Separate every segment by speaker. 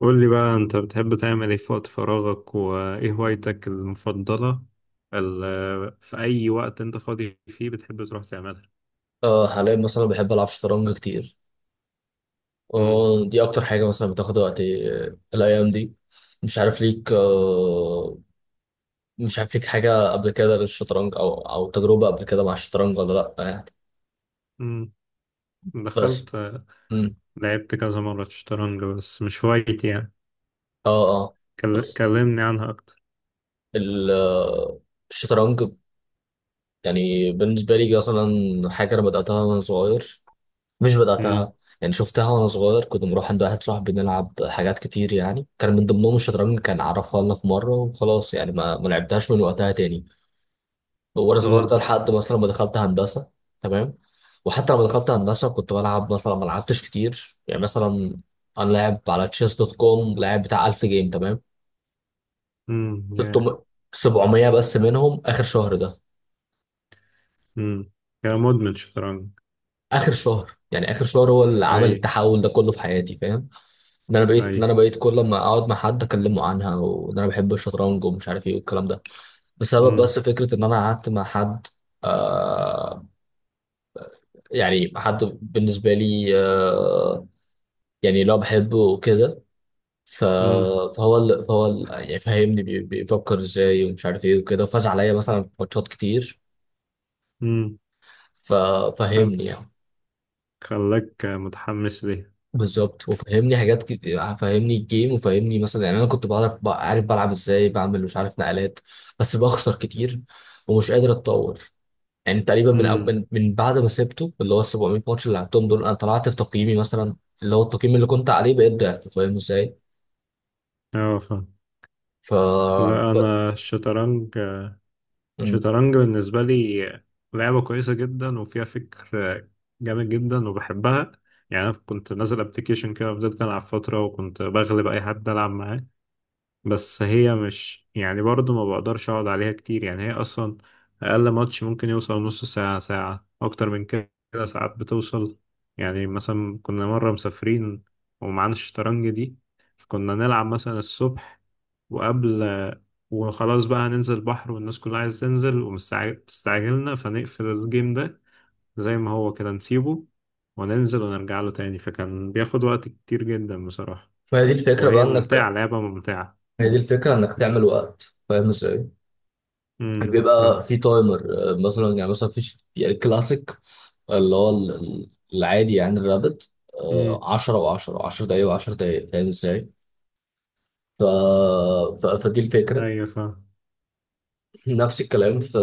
Speaker 1: قول لي بقى انت بتحب تعمل ايه في وقت فراغك وايه هوايتك المفضلة؟ في اي وقت انت فاضي فيه بتحب تروح تعملها.
Speaker 2: اه، حاليا مثلا بحب العب شطرنج كتير.
Speaker 1: امم.
Speaker 2: اه، دي اكتر حاجه مثلا بتاخد وقتي، الايام دي. مش عارف ليك مش عارف ليك حاجه قبل كده للشطرنج او تجربه قبل كده مع الشطرنج ولا؟ لا يعني.
Speaker 1: امم. دخلت
Speaker 2: بس. مم.
Speaker 1: لعبت كذا مرة شطرنج بس مش هوايتي يعني.
Speaker 2: اه، اه. بس
Speaker 1: كلمني عنها اكتر.
Speaker 2: ال- آه، الشطرنج يعني بالنسبه لي مثلا حاجه انا بداتها وانا صغير. مش
Speaker 1: امم.
Speaker 2: بدأتها. يعني شفتها وأنا صغير، كنت بروح عند واحد صاحبي نلعب حاجات كتير، يعني كان من ضمنهم الشطرنج، كان عرفها لنا في مرة وخلاص، يعني ما لعبتهاش من وقتها تاني. وأنا صغير ده
Speaker 1: امم.
Speaker 2: لحد مثلا ما دخلت هندسة. تمام. وحتى لما دخلت هندسة كنت بلعب مثلا، ما لعبتش كتير يعني مثلا. أنا لاعب على تشيس دوت كوم، لاعب بتاع 1000 جيم، تمام.
Speaker 1: يا.
Speaker 2: 600، 700 بس منهم آخر شهر ده.
Speaker 1: امم. يا مدمن شطرنج!
Speaker 2: آخر شهر، يعني آخر شهر هو اللي
Speaker 1: اي.
Speaker 2: عمل التحول ده كله في حياتي، فاهم؟ ده انا بقيت
Speaker 1: اي.
Speaker 2: ده انا بقيت كل ما اقعد مع حد اكلمه عنها، وان انا بحب الشطرنج ومش عارف ايه والكلام ده، بسبب
Speaker 1: امم.
Speaker 2: بس فكره ان انا قعدت مع حد. آه، يعني حد بالنسبه لي، يعني لو بحبه وكده. ف-
Speaker 1: امم.
Speaker 2: فهو يعني فهمني بيفكر ازاي ومش عارف ايه وكده، وفاز عليا مثلا في ماتشات كتير.
Speaker 1: امم. خل...
Speaker 2: ففهمني يعني.
Speaker 1: خلاك متحمس ليه؟
Speaker 2: بالظبط، وفهمني حاجات كتير، فهمني الجيم، وفهمني مثلا، يعني انا كنت بعرف عارف بلعب ازاي، بعمل مش عارف نقلات، بس بخسر كتير، ومش قادر اتطور. يعني تقريبا من أو-
Speaker 1: امم.
Speaker 2: من من بعد ما سبته، اللي هو ال 700 ماتش اللي لعبتهم دول، انا طلعت في تقييمي مثلا، اللي هو التقييم اللي كنت عليه بقيت ضعف، فاهم ازاي؟
Speaker 1: اه فاهم.
Speaker 2: ف
Speaker 1: لا
Speaker 2: ف...
Speaker 1: انا الشطرنج.
Speaker 2: مم.
Speaker 1: الشطرنج بالنسبة لي لعبة كويسة جدا وفيها فكر جامد جدا وبحبها. يعني أنا كنت نازل أبلكيشن كده فضلت ألعب فترة وكنت بغلب أي حد ألعب معاه. بس هي مش يعني برضه ما بقدرش أقعد عليها كتير، يعني هي أصلا أقل ماتش ممكن يوصل نص ساعة ساعة أكتر من كده. ساعات بتوصل. يعني مثلا كنا مرة مسافرين ومعانا الشطرنج دي، فكنا نلعب مثلا الصبح وقبل، وخلاص بقى هننزل البحر والناس كلها عايز تنزل ومستعجلنا، فنقفل الجيم ده زي ما هو كده نسيبه وننزل ونرجع له تاني، فكان بياخد وقت كتير جدا بصراحة.
Speaker 2: ما هي دي الفكره بقى
Speaker 1: وهي ممتعة،
Speaker 2: انك.
Speaker 1: لعبة ممتعة.
Speaker 2: ما هي دي الفكره انك تعمل وقت، فاهم ازاي؟ يعني
Speaker 1: امم،
Speaker 2: بيبقى
Speaker 1: فاهم.
Speaker 2: في تايمر. مثلا يعني مثلا فيش يعني الكلاسيك، اللي هو العادي يعني الرابط،
Speaker 1: امم.
Speaker 2: 10 و10 و10 دقايق و10 دقايق، فاهم ازاي؟ ف... فدي الفكرة.
Speaker 1: ايوه فاهم.
Speaker 2: نفس الكلام في.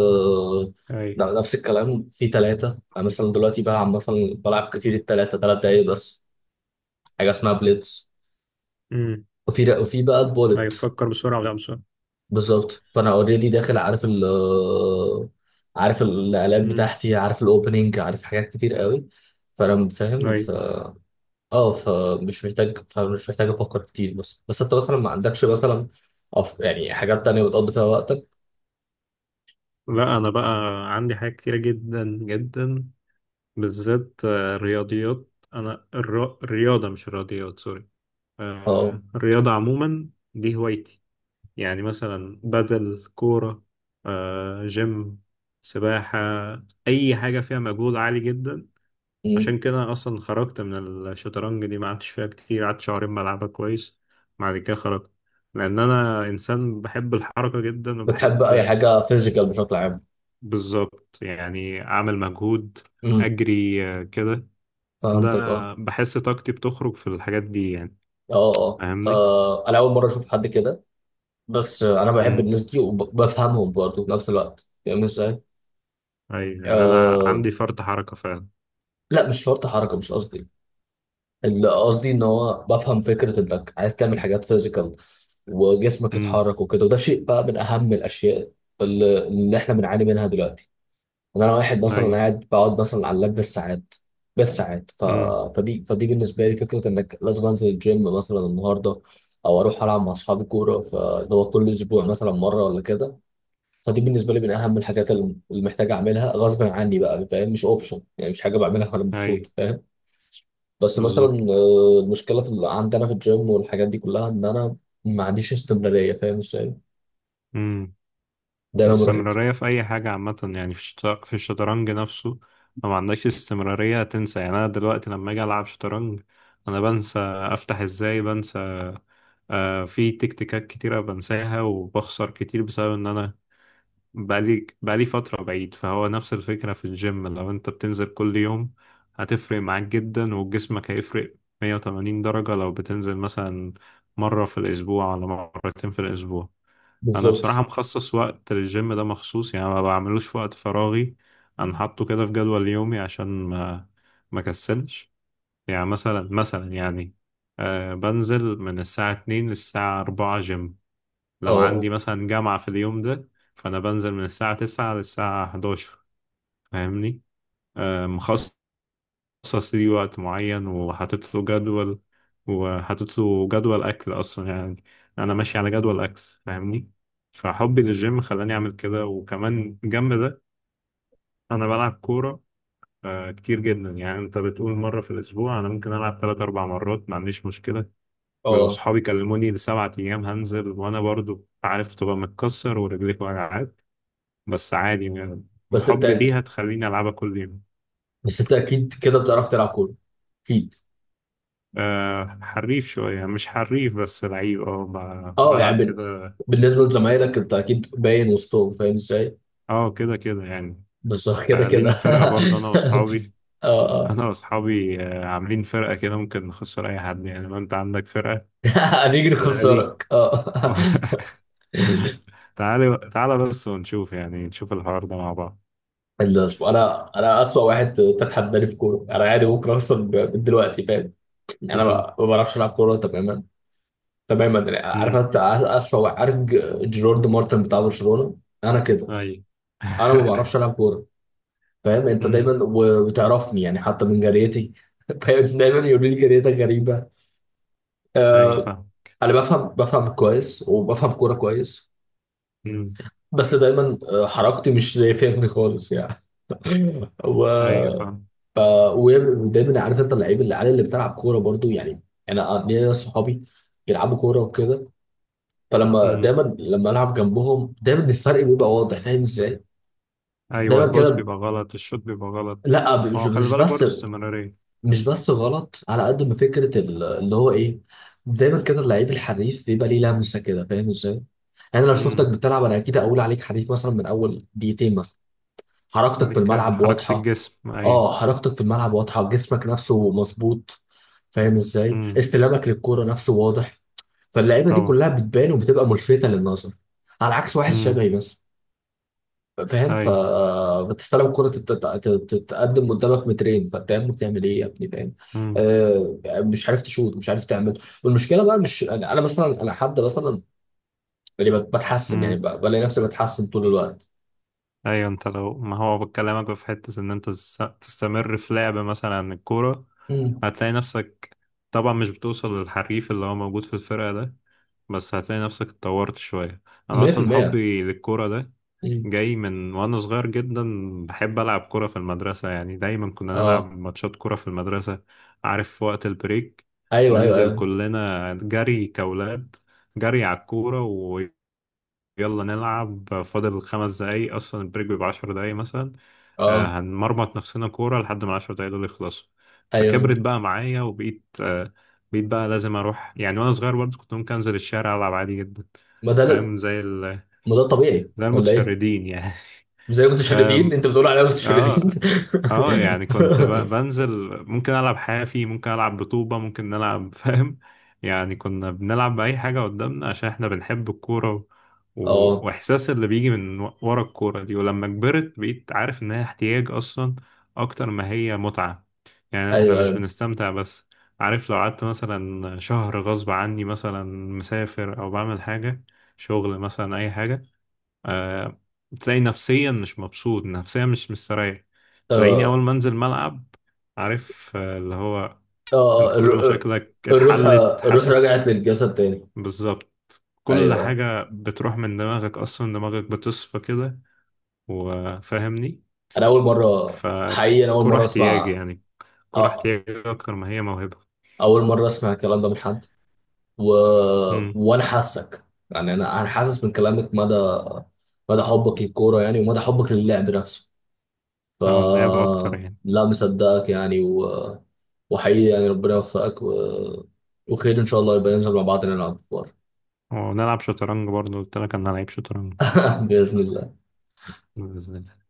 Speaker 1: ايوه.
Speaker 2: نفس الكلام في ثلاثة. أنا مثلا دلوقتي بلعب مثلا بلعب كتير الثلاثة 3 دقايق بس، حاجة اسمها بليتز.
Speaker 1: امم
Speaker 2: وفي بقى
Speaker 1: ايوه،
Speaker 2: البولت.
Speaker 1: تفكر بسرعة ولا بسرعة؟
Speaker 2: بالظبط، فأنا اوريدي داخل، عارف عارف النقلات
Speaker 1: امم.
Speaker 2: بتاعتي، عارف الاوبننج، عارف حاجات كتير قوي، فأنا فاهم.
Speaker 1: ايوه.
Speaker 2: اه، فمش محتاج افكر كتير. بس انت مثلا ما عندكش مثلا، يعني حاجات تانية بتقضي فيها وقتك؟
Speaker 1: لا انا بقى عندي حاجات كتيرة جدا جدا، بالذات آه، رياضيات. انا الرياضة، مش الرياضيات، سوري.
Speaker 2: اه.
Speaker 1: آه، الرياضة عموما دي هوايتي. يعني مثلا بدل كورة، آه، جيم، سباحة، أي حاجة فيها مجهود عالي جدا.
Speaker 2: مم.
Speaker 1: عشان كده أنا أصلا خرجت من الشطرنج دي، ما قعدتش فيها كتير، قعدت شهرين بلعبها كويس، بعد كده خرجت، لأن أنا إنسان بحب الحركة جدا
Speaker 2: بتحب
Speaker 1: وبحب.
Speaker 2: اي حاجة فيزيكال بشكل عام؟
Speaker 1: بالظبط، يعني أعمل مجهود،
Speaker 2: امم.
Speaker 1: أجري آه، كده. ده
Speaker 2: فهمتك، اه،
Speaker 1: بحس طاقتي بتخرج في الحاجات دي يعني.
Speaker 2: اه، اه.
Speaker 1: فاهمني؟
Speaker 2: انا اول مرة اشوف حد كده. بس انا بحب الناس دي وبفهمهم برضه في نفس الوقت، فاهم ازاي؟
Speaker 1: ايوه، يعني انا
Speaker 2: آه...
Speaker 1: عندي فرط حركة فعلا.
Speaker 2: لا، مش شرط حركة، مش قصدي. اللي قصدي ان هو بفهم فكرة انك عايز تعمل حاجات فيزيكال، وجسمك
Speaker 1: امم.
Speaker 2: يتحرك وكده، وده شيء بقى من اهم الاشياء اللي احنا بنعاني منها دلوقتي. إن انا واحد مثلا
Speaker 1: ايوه.
Speaker 2: قاعد بقعد مثلا على اللاب بالساعات، بالساعات،
Speaker 1: امم.
Speaker 2: فدي بالنسبه لي فكره انك لازم انزل الجيم مثلا النهارده، او اروح العب مع اصحابي كوره، فاللي هو كل اسبوع مثلا مره ولا كده. فدي بالنسبه لي من اهم الحاجات اللي محتاج اعملها غصب عني بقى، فاهم؟ مش اوبشن، يعني مش حاجه بعملها وانا مبسوط،
Speaker 1: ايوه.
Speaker 2: فاهم؟ بس مثلا
Speaker 1: بالظبط.
Speaker 2: المشكله في عندنا في الجيم والحاجات دي كلها ان انا ما عنديش استمراريه، فاهم ازاي؟
Speaker 1: امم.
Speaker 2: ده لو ما رحتش.
Speaker 1: الاستمرارية في اي حاجة عامة، يعني في في الشطرنج نفسه لو ما عندكش استمرارية هتنسى. يعني انا دلوقتي لما اجي العب شطرنج انا بنسى افتح ازاي، بنسى. آه، في تكتيكات كتيرة بنساها وبخسر كتير بسبب ان انا بقالي فترة بعيد. فهو نفس الفكرة في الجيم، لو انت بتنزل كل يوم هتفرق معاك جدا وجسمك هيفرق 180 درجة لو بتنزل مثلا مرة في الأسبوع ولا مرتين في الأسبوع. أنا بصراحة
Speaker 2: بالظبط.
Speaker 1: مخصص وقت للجيم ده مخصوص، يعني ما بعملوش في وقت فراغي. أنا حاطه كده في جدول يومي عشان ما كسلش. يعني مثلا يعني، آه بنزل من الساعة 2 للساعة 4 جيم. لو
Speaker 2: اه،
Speaker 1: عندي مثلا جامعة في اليوم ده فأنا بنزل من الساعة 9 للساعة 11، فاهمني؟ آه، مخصص ليه وقت معين وحاطط له جدول أكل أصلا يعني. أنا ماشي على جدول أكل، فاهمني. فحبي للجيم خلاني أعمل كده. وكمان جنب ده أنا بلعب كورة آه، كتير جدا. يعني أنت بتقول مرة في الأسبوع، أنا ممكن ألعب تلات أربع مرات ما عنديش مشكلة.
Speaker 2: اه،
Speaker 1: ولو
Speaker 2: اه.
Speaker 1: صحابي كلموني لسبعة أيام هنزل، وأنا برضو عارف تبقى متكسر ورجليك وجعات، بس عادي يعني.
Speaker 2: بس انت
Speaker 1: حبي ليها تخليني ألعبها كل يوم.
Speaker 2: بس انت اكيد كده بتعرف تلعب كوره، اكيد.
Speaker 1: أه حريف شوية، مش حريف بس لعيب، اه
Speaker 2: اه، يعني
Speaker 1: بلعب كده.
Speaker 2: بالنسبه لزمايلك، انت اكيد باين وسطهم، فاهم ازاي؟
Speaker 1: اه، كده كده يعني.
Speaker 2: بس هو كده
Speaker 1: آه، لينا
Speaker 2: كده
Speaker 1: فرقة برضه
Speaker 2: اه، اه
Speaker 1: أنا وأصحابي آه، عاملين فرقة كده ممكن نخسر أي حد، يعني لو أنت عندك فرقة.
Speaker 2: هنيجي
Speaker 1: تعالي.
Speaker 2: نخسرك، اه
Speaker 1: تعالى تعالى بس ونشوف، يعني نشوف الحوار ده مع بعض.
Speaker 2: الأسبوع. انا اسوأ واحد تتحداني في كوره، انا عادي ممكن اخسر من دلوقتي، فاهم؟ يعني انا
Speaker 1: امم.
Speaker 2: ما بعرفش العب كوره تماما، تماما. يعني عارف
Speaker 1: امم.
Speaker 2: أنت اسوأ واحد، عارف جيرارد مارتن بتاع برشلونه؟ انا كده.
Speaker 1: أيوة.
Speaker 2: انا ما بعرفش العب كوره، فاهم انت
Speaker 1: امم.
Speaker 2: دايما، وتعرفني يعني حتى من جريتي. فاهم، دايما يقولوا لي جريتك غريبه.
Speaker 1: أيوة
Speaker 2: آه.
Speaker 1: فاهم.
Speaker 2: انا بفهم كويس، وبفهم كوره كويس.
Speaker 1: امم.
Speaker 2: بس دايما حركتي مش زي فهمي خالص يعني. و...
Speaker 1: أيوة فاهم.
Speaker 2: ف... ودايما عارف انت اللعيب اللي على اللي بتلعب كوره برضو يعني. انا ليا ناس صحابي بيلعبوا كوره وكده. فلما دايما لما العب جنبهم، دايما الفرق بيبقى واضح، فاهم ازاي؟
Speaker 1: ايوه،
Speaker 2: دايما
Speaker 1: البوز
Speaker 2: كده.
Speaker 1: بيبقى غلط، الشوت بيبقى غلط.
Speaker 2: لا،
Speaker 1: ما
Speaker 2: مش
Speaker 1: هو خلي
Speaker 2: مش
Speaker 1: بالك
Speaker 2: بس.
Speaker 1: برضه استمرارية.
Speaker 2: مش بس غلط، على قد ما فكرة اللي هو ايه. دايما كده، اللعيب الحريف بيبقى ليه لمسة كده، فاهم ازاي؟ يعني أنا لو شفتك
Speaker 1: امم.
Speaker 2: بتلعب، أنا أكيد أقول عليك حريف مثلا من أول دقيقتين مثلا. حركتك في
Speaker 1: لك
Speaker 2: الملعب
Speaker 1: حركة
Speaker 2: واضحة.
Speaker 1: الجسم اي.
Speaker 2: أه، حركتك في الملعب واضحة، جسمك نفسه مظبوط، فاهم ازاي؟
Speaker 1: امم.
Speaker 2: استلامك للكورة نفسه واضح. فاللعيبة دي
Speaker 1: طبعا.
Speaker 2: كلها بتبان وبتبقى ملفتة للنظر، على عكس واحد
Speaker 1: امم.
Speaker 2: شبهي مثلا. فاهم،
Speaker 1: اي.
Speaker 2: فبتستلم كرة تتقدم قدامك مترين، فانت يا ابني بتعمل ايه يا ابني، فاهم؟
Speaker 1: امم.
Speaker 2: آه، مش عارف تشوط، مش عارف تعمل. والمشكله بقى مش انا، أنا مثلا انا حد مثلا اللي بتحسن، يعني
Speaker 1: امم.
Speaker 2: بلاقي نفسي بتحسن طول الوقت.
Speaker 1: ايوه، انت لو، ما هو بكلمك في حتة ان انت تستمر في لعب مثلا عن الكورة،
Speaker 2: مم.
Speaker 1: هتلاقي نفسك طبعا مش بتوصل للحريف اللي هو موجود في الفرقة ده، بس هتلاقي نفسك اتطورت شوية. انا اصلا
Speaker 2: 100%.
Speaker 1: حبي للكورة ده
Speaker 2: مم.
Speaker 1: جاي من وانا صغير جدا. بحب العب كرة في المدرسة، يعني دايما كنا نلعب
Speaker 2: اه،
Speaker 1: ماتشات كرة في المدرسة، عارف في وقت البريك،
Speaker 2: ايوه، ايوه،
Speaker 1: ننزل
Speaker 2: ايوه.
Speaker 1: كلنا جري كأولاد، جري على الكورة، ويلا نلعب. فاضل 5 دقايق اصلا، البريك بيبقى 10 دقايق مثلا، آه،
Speaker 2: اه،
Speaker 1: هنمرمط نفسنا كورة لحد ما ال10 دقايق دول يخلصوا.
Speaker 2: ايوه.
Speaker 1: فكبرت بقى معايا وبقيت آه، بقى لازم اروح، يعني وانا صغير برضه كنت ممكن انزل الشارع العب عادي جدا،
Speaker 2: ما ده
Speaker 1: فاهم زي
Speaker 2: ما ده طبيعي
Speaker 1: زي
Speaker 2: ولا ايه؟
Speaker 1: المتشردين يعني.
Speaker 2: زي المتشردين، انت بتقول علينا متشردين؟
Speaker 1: اه اه، يعني كنت بنزل، ممكن العب حافي، ممكن العب بطوبة، ممكن نلعب، فاهم. يعني كنا بنلعب بأي حاجة قدامنا عشان احنا بنحب الكورة
Speaker 2: اه،
Speaker 1: واحساس اللي بيجي من ورا الكورة دي. ولما كبرت بقيت عارف ان هي احتياج اصلا اكتر ما هي متعة. يعني احنا
Speaker 2: ايوه،
Speaker 1: مش
Speaker 2: ايوه.
Speaker 1: بنستمتع بس، عارف. لو قعدت مثلا شهر غصب عني، مثلا مسافر او بعمل حاجة شغل مثلا، اي حاجة، آه، تلاقي نفسيا مش مبسوط، نفسيا مش مستريح. تلاقيني
Speaker 2: آه.
Speaker 1: أول ما أنزل ملعب، عارف، آه، اللي هو أنت
Speaker 2: اه،
Speaker 1: كل مشاكلك
Speaker 2: الروح.
Speaker 1: اتحلت،
Speaker 2: الروح
Speaker 1: حاسس.
Speaker 2: رجعت للجسد تاني.
Speaker 1: بالظبط. كل
Speaker 2: ايوه،
Speaker 1: حاجة بتروح من دماغك، أصلا دماغك بتصفى كده، وفاهمني
Speaker 2: انا اول مره. حقيقي، انا اول
Speaker 1: فكرة
Speaker 2: مره
Speaker 1: احتياجي
Speaker 2: اسمع.
Speaker 1: يعني،
Speaker 2: أ-
Speaker 1: كرة احتياجي أكتر ما هي موهبة.
Speaker 2: اول مره اسمع الكلام ده من حد، و...
Speaker 1: امم.
Speaker 2: وانا حاسك. يعني انا حاسس من كلامك مدى، مدى حبك للكوره، يعني ومدى حبك للعب نفسه. ف
Speaker 1: أو اللعب أكتر يعني.
Speaker 2: لا، مصدقك يعني، وحقيقي يعني ربنا يوفقك، وخير ان شاء الله يبقى ننزل مع بعض نلعب كوره.
Speaker 1: ونلعب شطرنج برضه، قلت لك أنا لعيب شطرنج.
Speaker 2: باذن الله.
Speaker 1: بإذن الله.